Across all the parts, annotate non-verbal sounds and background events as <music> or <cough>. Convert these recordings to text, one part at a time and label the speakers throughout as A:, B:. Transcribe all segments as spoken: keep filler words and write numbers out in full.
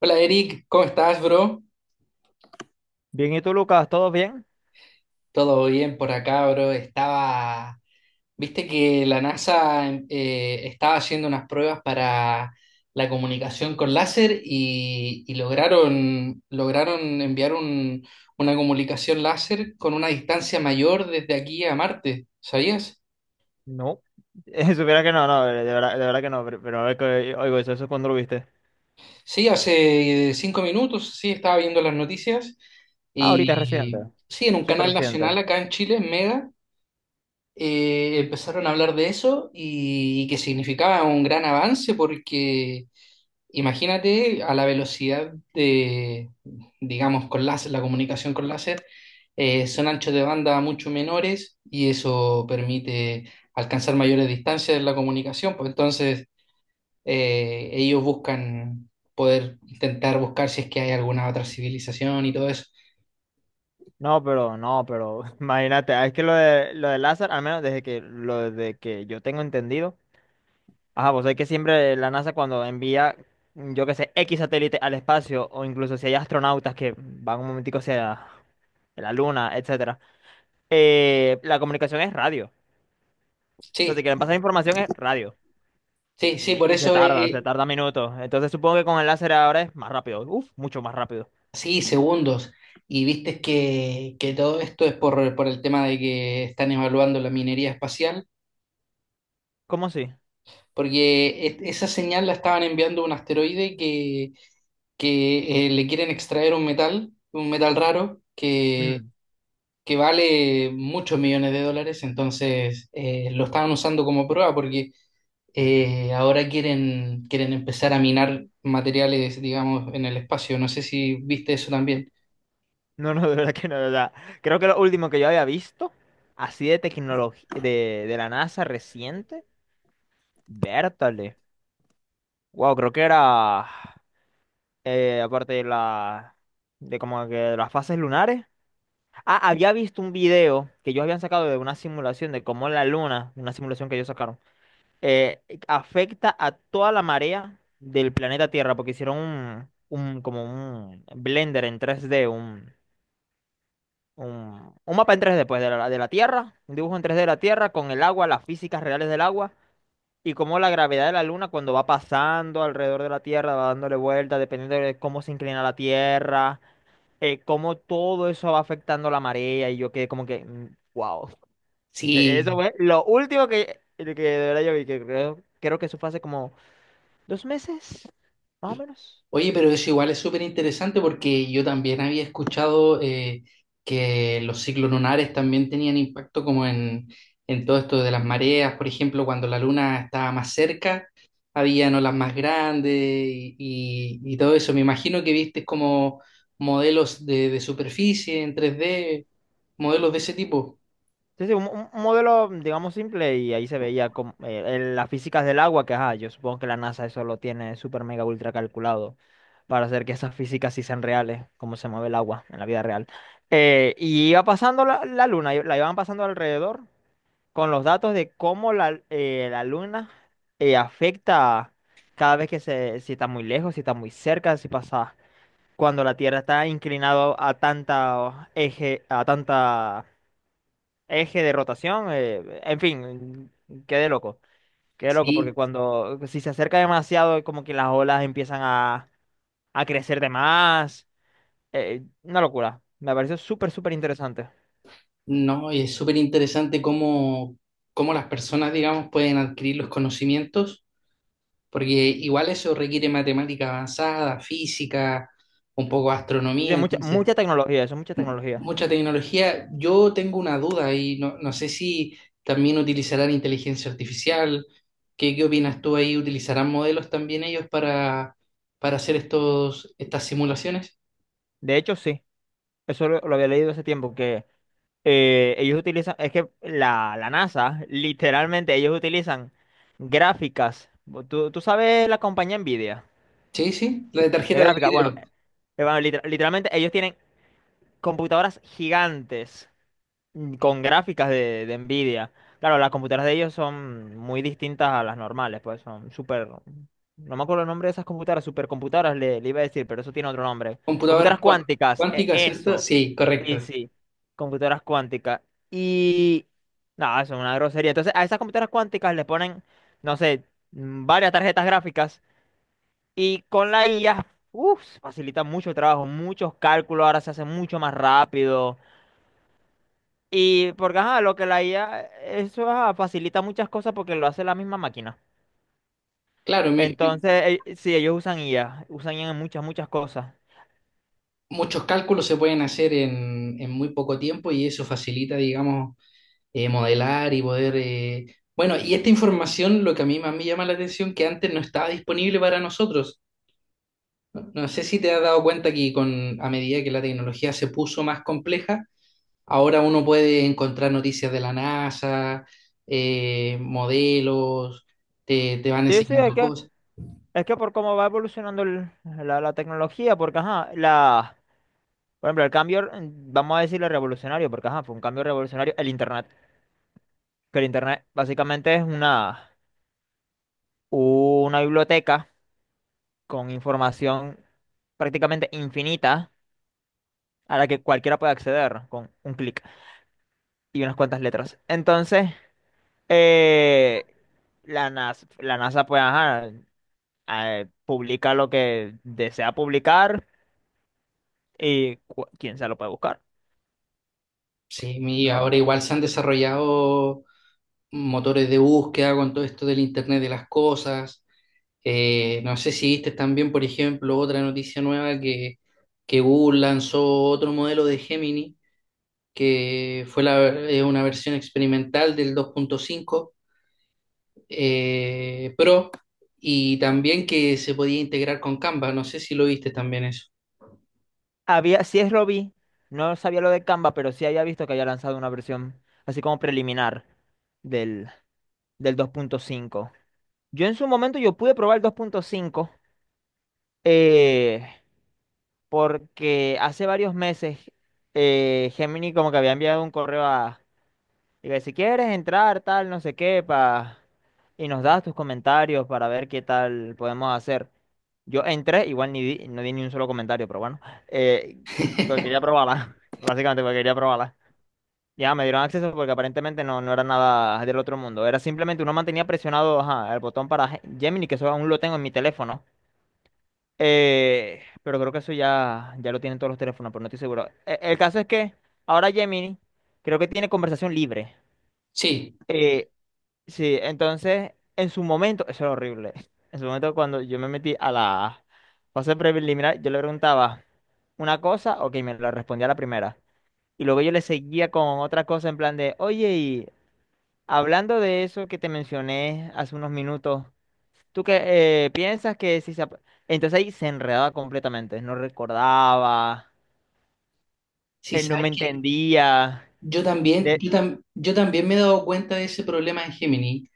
A: Hola Eric, ¿cómo estás, bro?
B: Bien, ¿y tú, Lucas? ¿Todo bien?
A: Todo bien por acá, bro. Estaba, viste que la NASA em, eh, estaba haciendo unas pruebas para la comunicación con láser y, y lograron, lograron enviar un- una comunicación láser con una distancia mayor desde aquí a Marte, ¿sabías?
B: No, <laughs> supiera que no, no, de verdad, de verdad que no, pero, pero a ver que oigo eso, eso cuando lo viste.
A: Sí, hace cinco minutos, sí, estaba viendo las noticias
B: Ah, ahorita es reciente,
A: y sí, en un
B: súper
A: canal nacional
B: reciente.
A: acá en Chile, en Mega. Eh, empezaron a hablar de eso y, y que significaba un gran avance porque imagínate a la velocidad de, digamos, con láser, la comunicación con láser, eh, son anchos de banda mucho menores y eso permite alcanzar mayores distancias en la comunicación, pues entonces eh, ellos buscan poder intentar buscar si es que hay alguna otra civilización y todo eso.
B: No, pero, no, pero, <laughs> imagínate, ah, es que lo de, lo de Lázaro, al menos desde que, lo de que yo tengo entendido, ajá, vos sabés que siempre la NASA cuando envía, yo qué sé, X satélite al espacio, o incluso si hay astronautas que van un momentico hacia la Luna, etcétera, eh, la comunicación es radio. Entonces,
A: Sí,
B: si quieren pasar información es radio.
A: sí, sí,
B: Y,
A: por
B: y se
A: eso
B: tarda,
A: es.
B: se tarda minutos. Entonces supongo que con el láser ahora es más rápido. Uf, mucho más rápido.
A: Sí, segundos. Y viste que, que todo esto es por, por el tema de que están evaluando la minería espacial,
B: ¿Cómo así?
A: porque es- esa señal la estaban enviando a un asteroide que, que eh, le quieren extraer un metal, un metal raro, que,
B: Mm. <laughs>
A: que vale muchos millones de dólares. Entonces eh, lo estaban usando como prueba porque eh, ahora quieren, quieren empezar a minar materiales, digamos, en el espacio. No sé si viste eso también.
B: No, no, de verdad que no, de verdad. Creo que lo último que yo había visto, así de tecnología, de, de la NASA reciente, vértale. Wow, creo que era, eh, aparte de la, de como que de las fases lunares. Ah, había visto un video que ellos habían sacado de una simulación de cómo la luna, una simulación que ellos sacaron eh, afecta a toda la marea del planeta Tierra, porque hicieron un, un- como un blender en tres d un, un, un mapa en tres d pues, de la, de la Tierra, un dibujo en tres d de la Tierra con el agua, las físicas reales del agua y cómo la gravedad de la Luna cuando va pasando alrededor de la Tierra, va dándole vueltas, dependiendo de cómo se inclina la Tierra, eh, cómo todo eso va afectando la marea y yo quedé como que, wow. Eso
A: Sí.
B: fue lo último que, que de verdad yo vi, que creo, creo que eso fue hace como dos meses, más o menos.
A: Oye, pero eso igual es súper interesante porque yo también había escuchado eh, que los ciclos lunares también tenían impacto como en, en todo esto de las mareas, por ejemplo, cuando la luna estaba más cerca, habían olas más grandes y, y- y todo eso. Me imagino que viste como modelos de, de superficie en tres d, modelos de ese tipo.
B: Sí, sí, un, un- un modelo, digamos, simple y ahí se veía como, eh, el- las físicas del agua, que ajá, yo supongo que la NASA eso lo tiene super mega ultra calculado para hacer que esas físicas sí sean reales, cómo se mueve el agua en la vida real. Eh, y iba pasando la, la luna, y la iban pasando alrededor con los datos de cómo la, eh, la luna eh, afecta cada vez que se, si está muy lejos, si está muy cerca, si pasa cuando la Tierra está inclinada a tanta eje, a tanta eje de rotación, eh, en fin, quedé loco, quedé loco, porque
A: Sí,
B: cuando, si se acerca demasiado, como que las olas empiezan a, a crecer de más, eh, una locura, me pareció súper, súper interesante.
A: no, y es súper interesante cómo, cómo las personas, digamos, pueden adquirir los conocimientos porque igual eso requiere matemática avanzada, física, un poco de astronomía,
B: Tiene mucha,
A: entonces
B: mucha tecnología, eso, mucha
A: mu-
B: tecnología.
A: mucha tecnología. Yo tengo una duda y no, no sé si también utilizarán inteligencia artificial. ¿Qué, qué opinas tú ahí? ¿Utilizarán modelos también ellos para, para hacer estos, estas simulaciones?
B: De hecho, sí, eso lo, lo había leído hace tiempo, que eh, ellos utilizan, es que la, la NASA, literalmente, ellos utilizan gráficas. ¿Tú, tú sabes la compañía Nvidia
A: Sí, sí, la de
B: de
A: tarjeta de
B: gráfica? Bueno,
A: video,
B: eh, bueno, liter- literalmente ellos tienen computadoras gigantes mm, con gráficas de, de Nvidia. Claro, las computadoras de ellos son muy distintas a las normales, pues son súper... No me acuerdo el nombre de esas computadoras, supercomputadoras le, le iba a decir, pero eso tiene otro nombre. Computadoras
A: computadoras cua-
B: cuánticas, e-
A: cuánticas, ¿cierto?
B: eso.
A: Sí,
B: Sí,
A: correcto.
B: sí, computadoras cuánticas. Y... No, eso es una grosería. Entonces, a esas computadoras cuánticas le ponen, no sé, mm, varias tarjetas gráficas y con la I A, uff, facilita mucho el trabajo, muchos cálculos, ahora se hace mucho más rápido. Y porque, ajá, lo que la I A, eso ajá, facilita muchas cosas porque lo hace la misma máquina.
A: Claro, mi-
B: Entonces, eh, sí, ellos usan I A, usan I A en muchas, muchas cosas.
A: muchos cálculos se pueden hacer en, en muy poco tiempo y eso facilita, digamos, eh, modelar y poder... eh, Bueno, y esta información, lo que a mí más me llama la atención, que antes no estaba disponible para nosotros. No sé si te has dado cuenta que con, a medida que la tecnología se puso más compleja, ahora uno puede encontrar noticias de la NASA, eh, modelos, te, te van
B: Sí, sí, es
A: enseñando
B: que,
A: cosas.
B: es que por cómo va evolucionando el- la, la tecnología, porque, ajá, la, por ejemplo, el cambio, mm, vamos a decirle revolucionario, porque, ajá, fue un cambio revolucionario el Internet, que el Internet básicamente es una, una biblioteca con información prácticamente infinita a la que cualquiera puede acceder con un clic y unas cuantas letras. Entonces... Eh, la NASA, la NASA pues ajá, eh, publica lo que desea publicar y cu- quién se lo puede buscar.
A: Sí, y
B: No,
A: ahora igual se han desarrollado motores de búsqueda con todo esto del Internet de las cosas. Eh, no sé si viste también, por ejemplo, otra noticia nueva que, que Google lanzó otro modelo de Gemini, que fue la- eh, una versión experimental del dos punto cinco eh, Pro, y también que se podía integrar con Canva. No sé si lo viste también eso.
B: había, sí es lo vi, no sabía lo de Canva, pero sí había visto que había lanzado una versión así como preliminar del, del dos punto cinco. Yo en su momento yo pude probar el dos punto cinco eh, porque hace varios meses eh, Gemini como que había enviado un correo a. Diga, si quieres entrar, tal, no sé qué, pa... y nos das tus comentarios para ver qué tal podemos hacer. Yo entré, igual ni di- no di ni un solo comentario, pero bueno, eh, porque quería
A: <laughs>
B: probarla, <laughs> básicamente porque quería probarla. Ya me dieron acceso porque aparentemente no, no era nada del otro mundo. Era simplemente uno mantenía presionado ajá, el botón para Ge- Gemini, que eso aún lo tengo en mi teléfono. Eh, pero creo que eso ya, ya lo tienen todos los teléfonos, pero no estoy seguro. E- El, caso es que ahora Gemini creo que tiene conversación libre.
A: Sí,
B: Eh, Sí, entonces, en su momento, eso era horrible. <laughs> En su momento, cuando yo me metí a la fase preliminar, yo le preguntaba una cosa, ok, me la respondía la primera. Y luego yo le seguía con otra cosa en plan de, oye, y hablando de eso que te mencioné hace unos minutos, ¿tú qué eh, piensas que si se... ap-?" Entonces ahí se enredaba completamente, no recordaba,
A: sí,
B: él no me
A: sabes que
B: entendía.
A: yo también,
B: De...
A: yo, tam- yo también me he dado cuenta de ese problema en Gemini,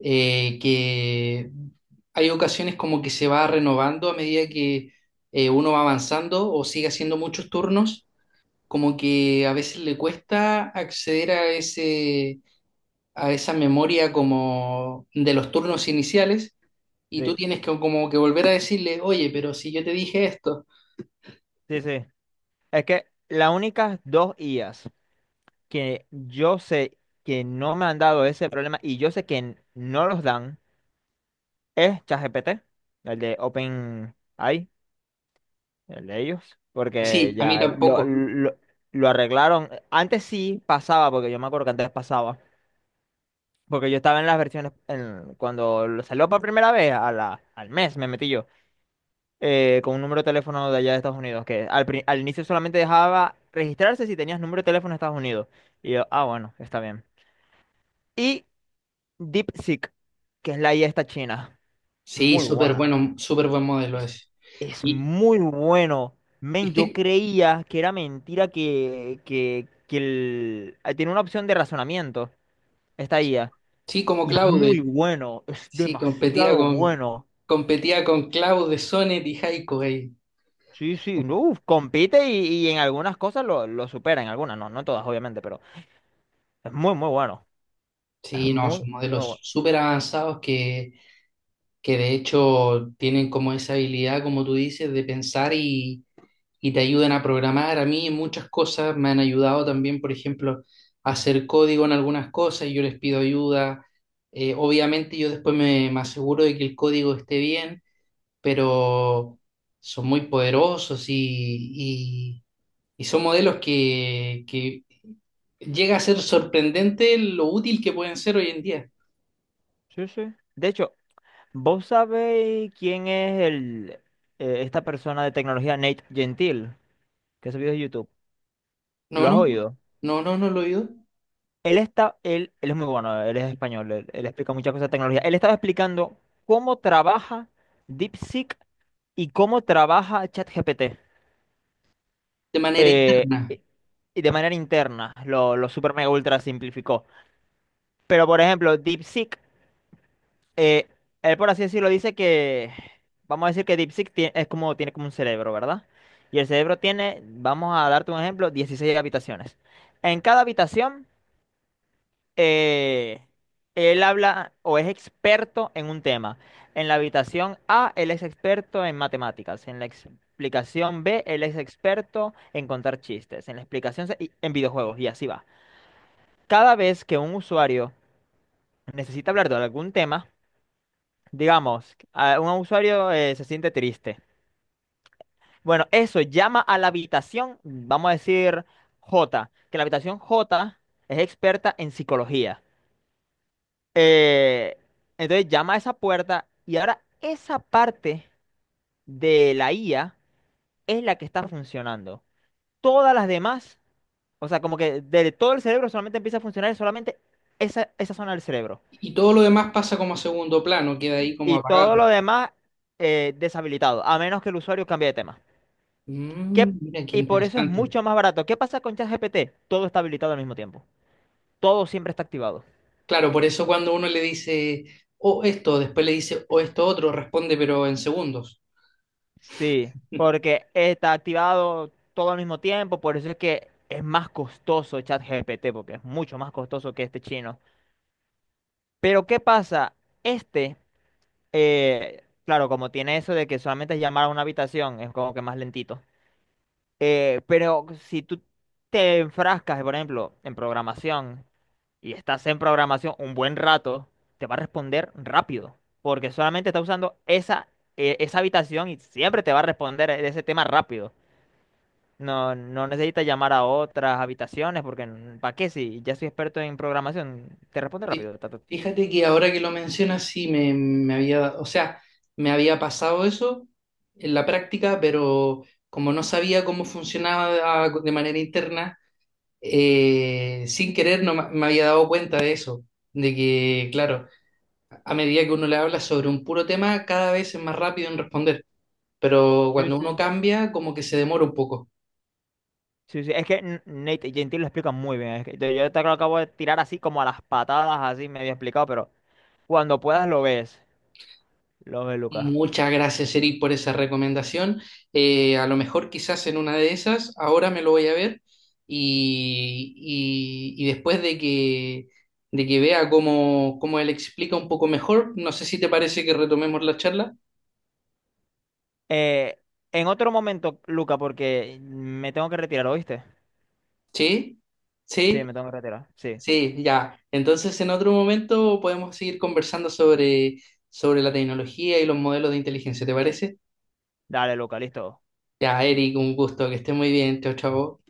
A: eh, que hay ocasiones como que se va renovando a medida que eh, uno va avanzando o sigue haciendo muchos turnos, como que a veces le cuesta acceder a ese, a esa memoria como de los turnos iniciales y
B: Sí,
A: tú tienes que como que volver a decirle, oye, pero si yo te dije esto.
B: sí, sí. Es que las únicas dos I As que yo sé que no me han dado ese problema y yo sé que n- no los dan es ChatGPT, el de OpenAI, el de ellos, porque
A: Sí, a mí
B: ya lo,
A: tampoco.
B: lo, lo arreglaron. Antes sí pasaba, porque yo me acuerdo que antes pasaba, porque yo estaba en las versiones, en- cuando lo salió por primera vez, a la, al mes me metí yo. Eh, con un número de teléfono de allá de Estados Unidos, que al, pri- al inicio solamente dejaba registrarse si tenías número de teléfono de Estados Unidos. Y yo, ah, bueno, está bien. DeepSeek, que es la I A esta china.
A: Sí,
B: Muy
A: súper
B: buena.
A: bueno, súper buen modelo
B: Es,
A: ese.
B: es
A: Y,
B: muy bueno. Men, yo
A: viste,
B: creía que era mentira que, que, que el... ah, tiene una opción de razonamiento, esta I A.
A: sí, como
B: Y es muy
A: Claude.
B: bueno, es
A: Sí, competía
B: demasiado
A: con,
B: bueno.
A: competía con Cloud de Sonnet y Haiku ahí.
B: Sí, sí, no, uf, compite y, y en algunas cosas lo, lo supera, en algunas, no, no en todas, obviamente, pero es muy, muy bueno. Es
A: Sí, no,
B: muy, muy
A: son modelos
B: bueno.
A: súper avanzados que, que de hecho tienen como esa habilidad, como tú dices, de pensar y, y te ayudan a programar. A mí en muchas cosas me han ayudado también, por ejemplo, a hacer código en algunas cosas y yo les pido ayuda. Eh, obviamente yo después me, me aseguro de que el código esté bien, pero son muy poderosos y y- y son modelos que, que llega a ser sorprendente lo útil que pueden ser hoy en día.
B: Sí, sí. De hecho, ¿vos sabéis quién es el, eh, esta persona de tecnología, Nate Gentil, que ha subido de YouTube?
A: No,
B: ¿Lo has
A: no,
B: oído?
A: no, no, no lo he oído.
B: Él está, él, él es muy bueno, él es español, él, él explica muchas cosas de tecnología. Él estaba explicando cómo trabaja DeepSeek y cómo trabaja ChatGPT.
A: De manera
B: eh,
A: interna.
B: y y de manera interna, lo, lo super mega ultra simplificó. Pero, por ejemplo, DeepSeek eh, él, por así decirlo, dice que, vamos a decir que DeepSeek tie- es como, tiene como un cerebro, ¿verdad? Y el cerebro tiene, vamos a darte un ejemplo, dieciséis habitaciones. En cada habitación, eh, él habla o es experto en un tema. En la habitación A, él es experto en matemáticas. En la explicación B, él es experto en contar chistes. En la explicación C, y- en videojuegos, y así va. Cada vez que un usuario necesita hablar de algún tema, digamos, a- un usuario eh, se siente triste. Bueno, eso llama a la habitación, vamos a decir J, que la habitación J es experta en psicología. Eh, entonces llama a esa puerta y ahora esa parte de la I A es la que está funcionando. Todas las demás, o sea, como que de todo el cerebro solamente empieza a funcionar solamente esa, esa zona del cerebro.
A: Y todo lo demás pasa como a segundo plano, queda ahí como
B: Y
A: apagado.
B: todo lo demás eh, deshabilitado, a menos que el usuario cambie de tema. ¿Qué...
A: Mm, mira qué
B: y por eso es
A: interesante.
B: mucho más barato. ¿Qué pasa con ChatGPT? Todo está habilitado al mismo tiempo. Todo siempre está activado.
A: Claro, por eso cuando uno le dice o esto, después le dice o esto otro, responde pero en segundos.
B: Sí, porque está activado todo al mismo tiempo, por eso es que es más costoso ChatGPT, porque es mucho más costoso que este chino. Pero ¿qué pasa? Este, eh, claro, como tiene eso de que solamente es llamar a una habitación, es como que más lentito. Eh, pero si tú te enfrascas, por ejemplo, en programación, y estás en programación un buen rato, te va a responder rápido, porque solamente está usando esa, eh, esa habitación y siempre te va a responder de ese tema rápido. No, no necesitas llamar a otras habitaciones, porque ¿para qué? Si ya soy experto en programación, te responde
A: Fí-
B: rápido. Ta, ta, ta.
A: Fíjate que ahora que lo mencionas, sí me, me había, o sea, me había pasado eso en la práctica, pero como no sabía cómo funcionaba de manera interna, eh, sin querer no ma- me había dado cuenta de eso, de que, claro, a medida que uno le habla sobre un puro tema, cada vez es más rápido en responder, pero
B: Sí,
A: cuando uno
B: sí.
A: cambia, como que se demora un poco.
B: Sí, sí, es que N- Nate Gentil lo explica muy bien. Es que yo yo te lo acabo de tirar así como a las patadas, así medio explicado, pero cuando puedas lo ves. Lo ves, Luca.
A: Muchas gracias, Eric, por esa recomendación. Eh, a lo mejor quizás en una de esas, ahora me lo voy a ver y, y- y después de que, de que vea cómo, cómo él explica un poco mejor, no sé si te parece que retomemos la charla.
B: Eh, en otro momento, Luca, porque me tengo que retirar, ¿oíste?
A: ¿Sí?
B: Sí,
A: ¿Sí?
B: me tengo que retirar. Sí.
A: Sí, ya. Entonces, en otro momento podemos seguir conversando sobre, sobre la tecnología y los modelos de inteligencia, ¿te parece?
B: Dale, Luca, listo.
A: Ya, Eric, un gusto, que estés muy bien. Chao, chao.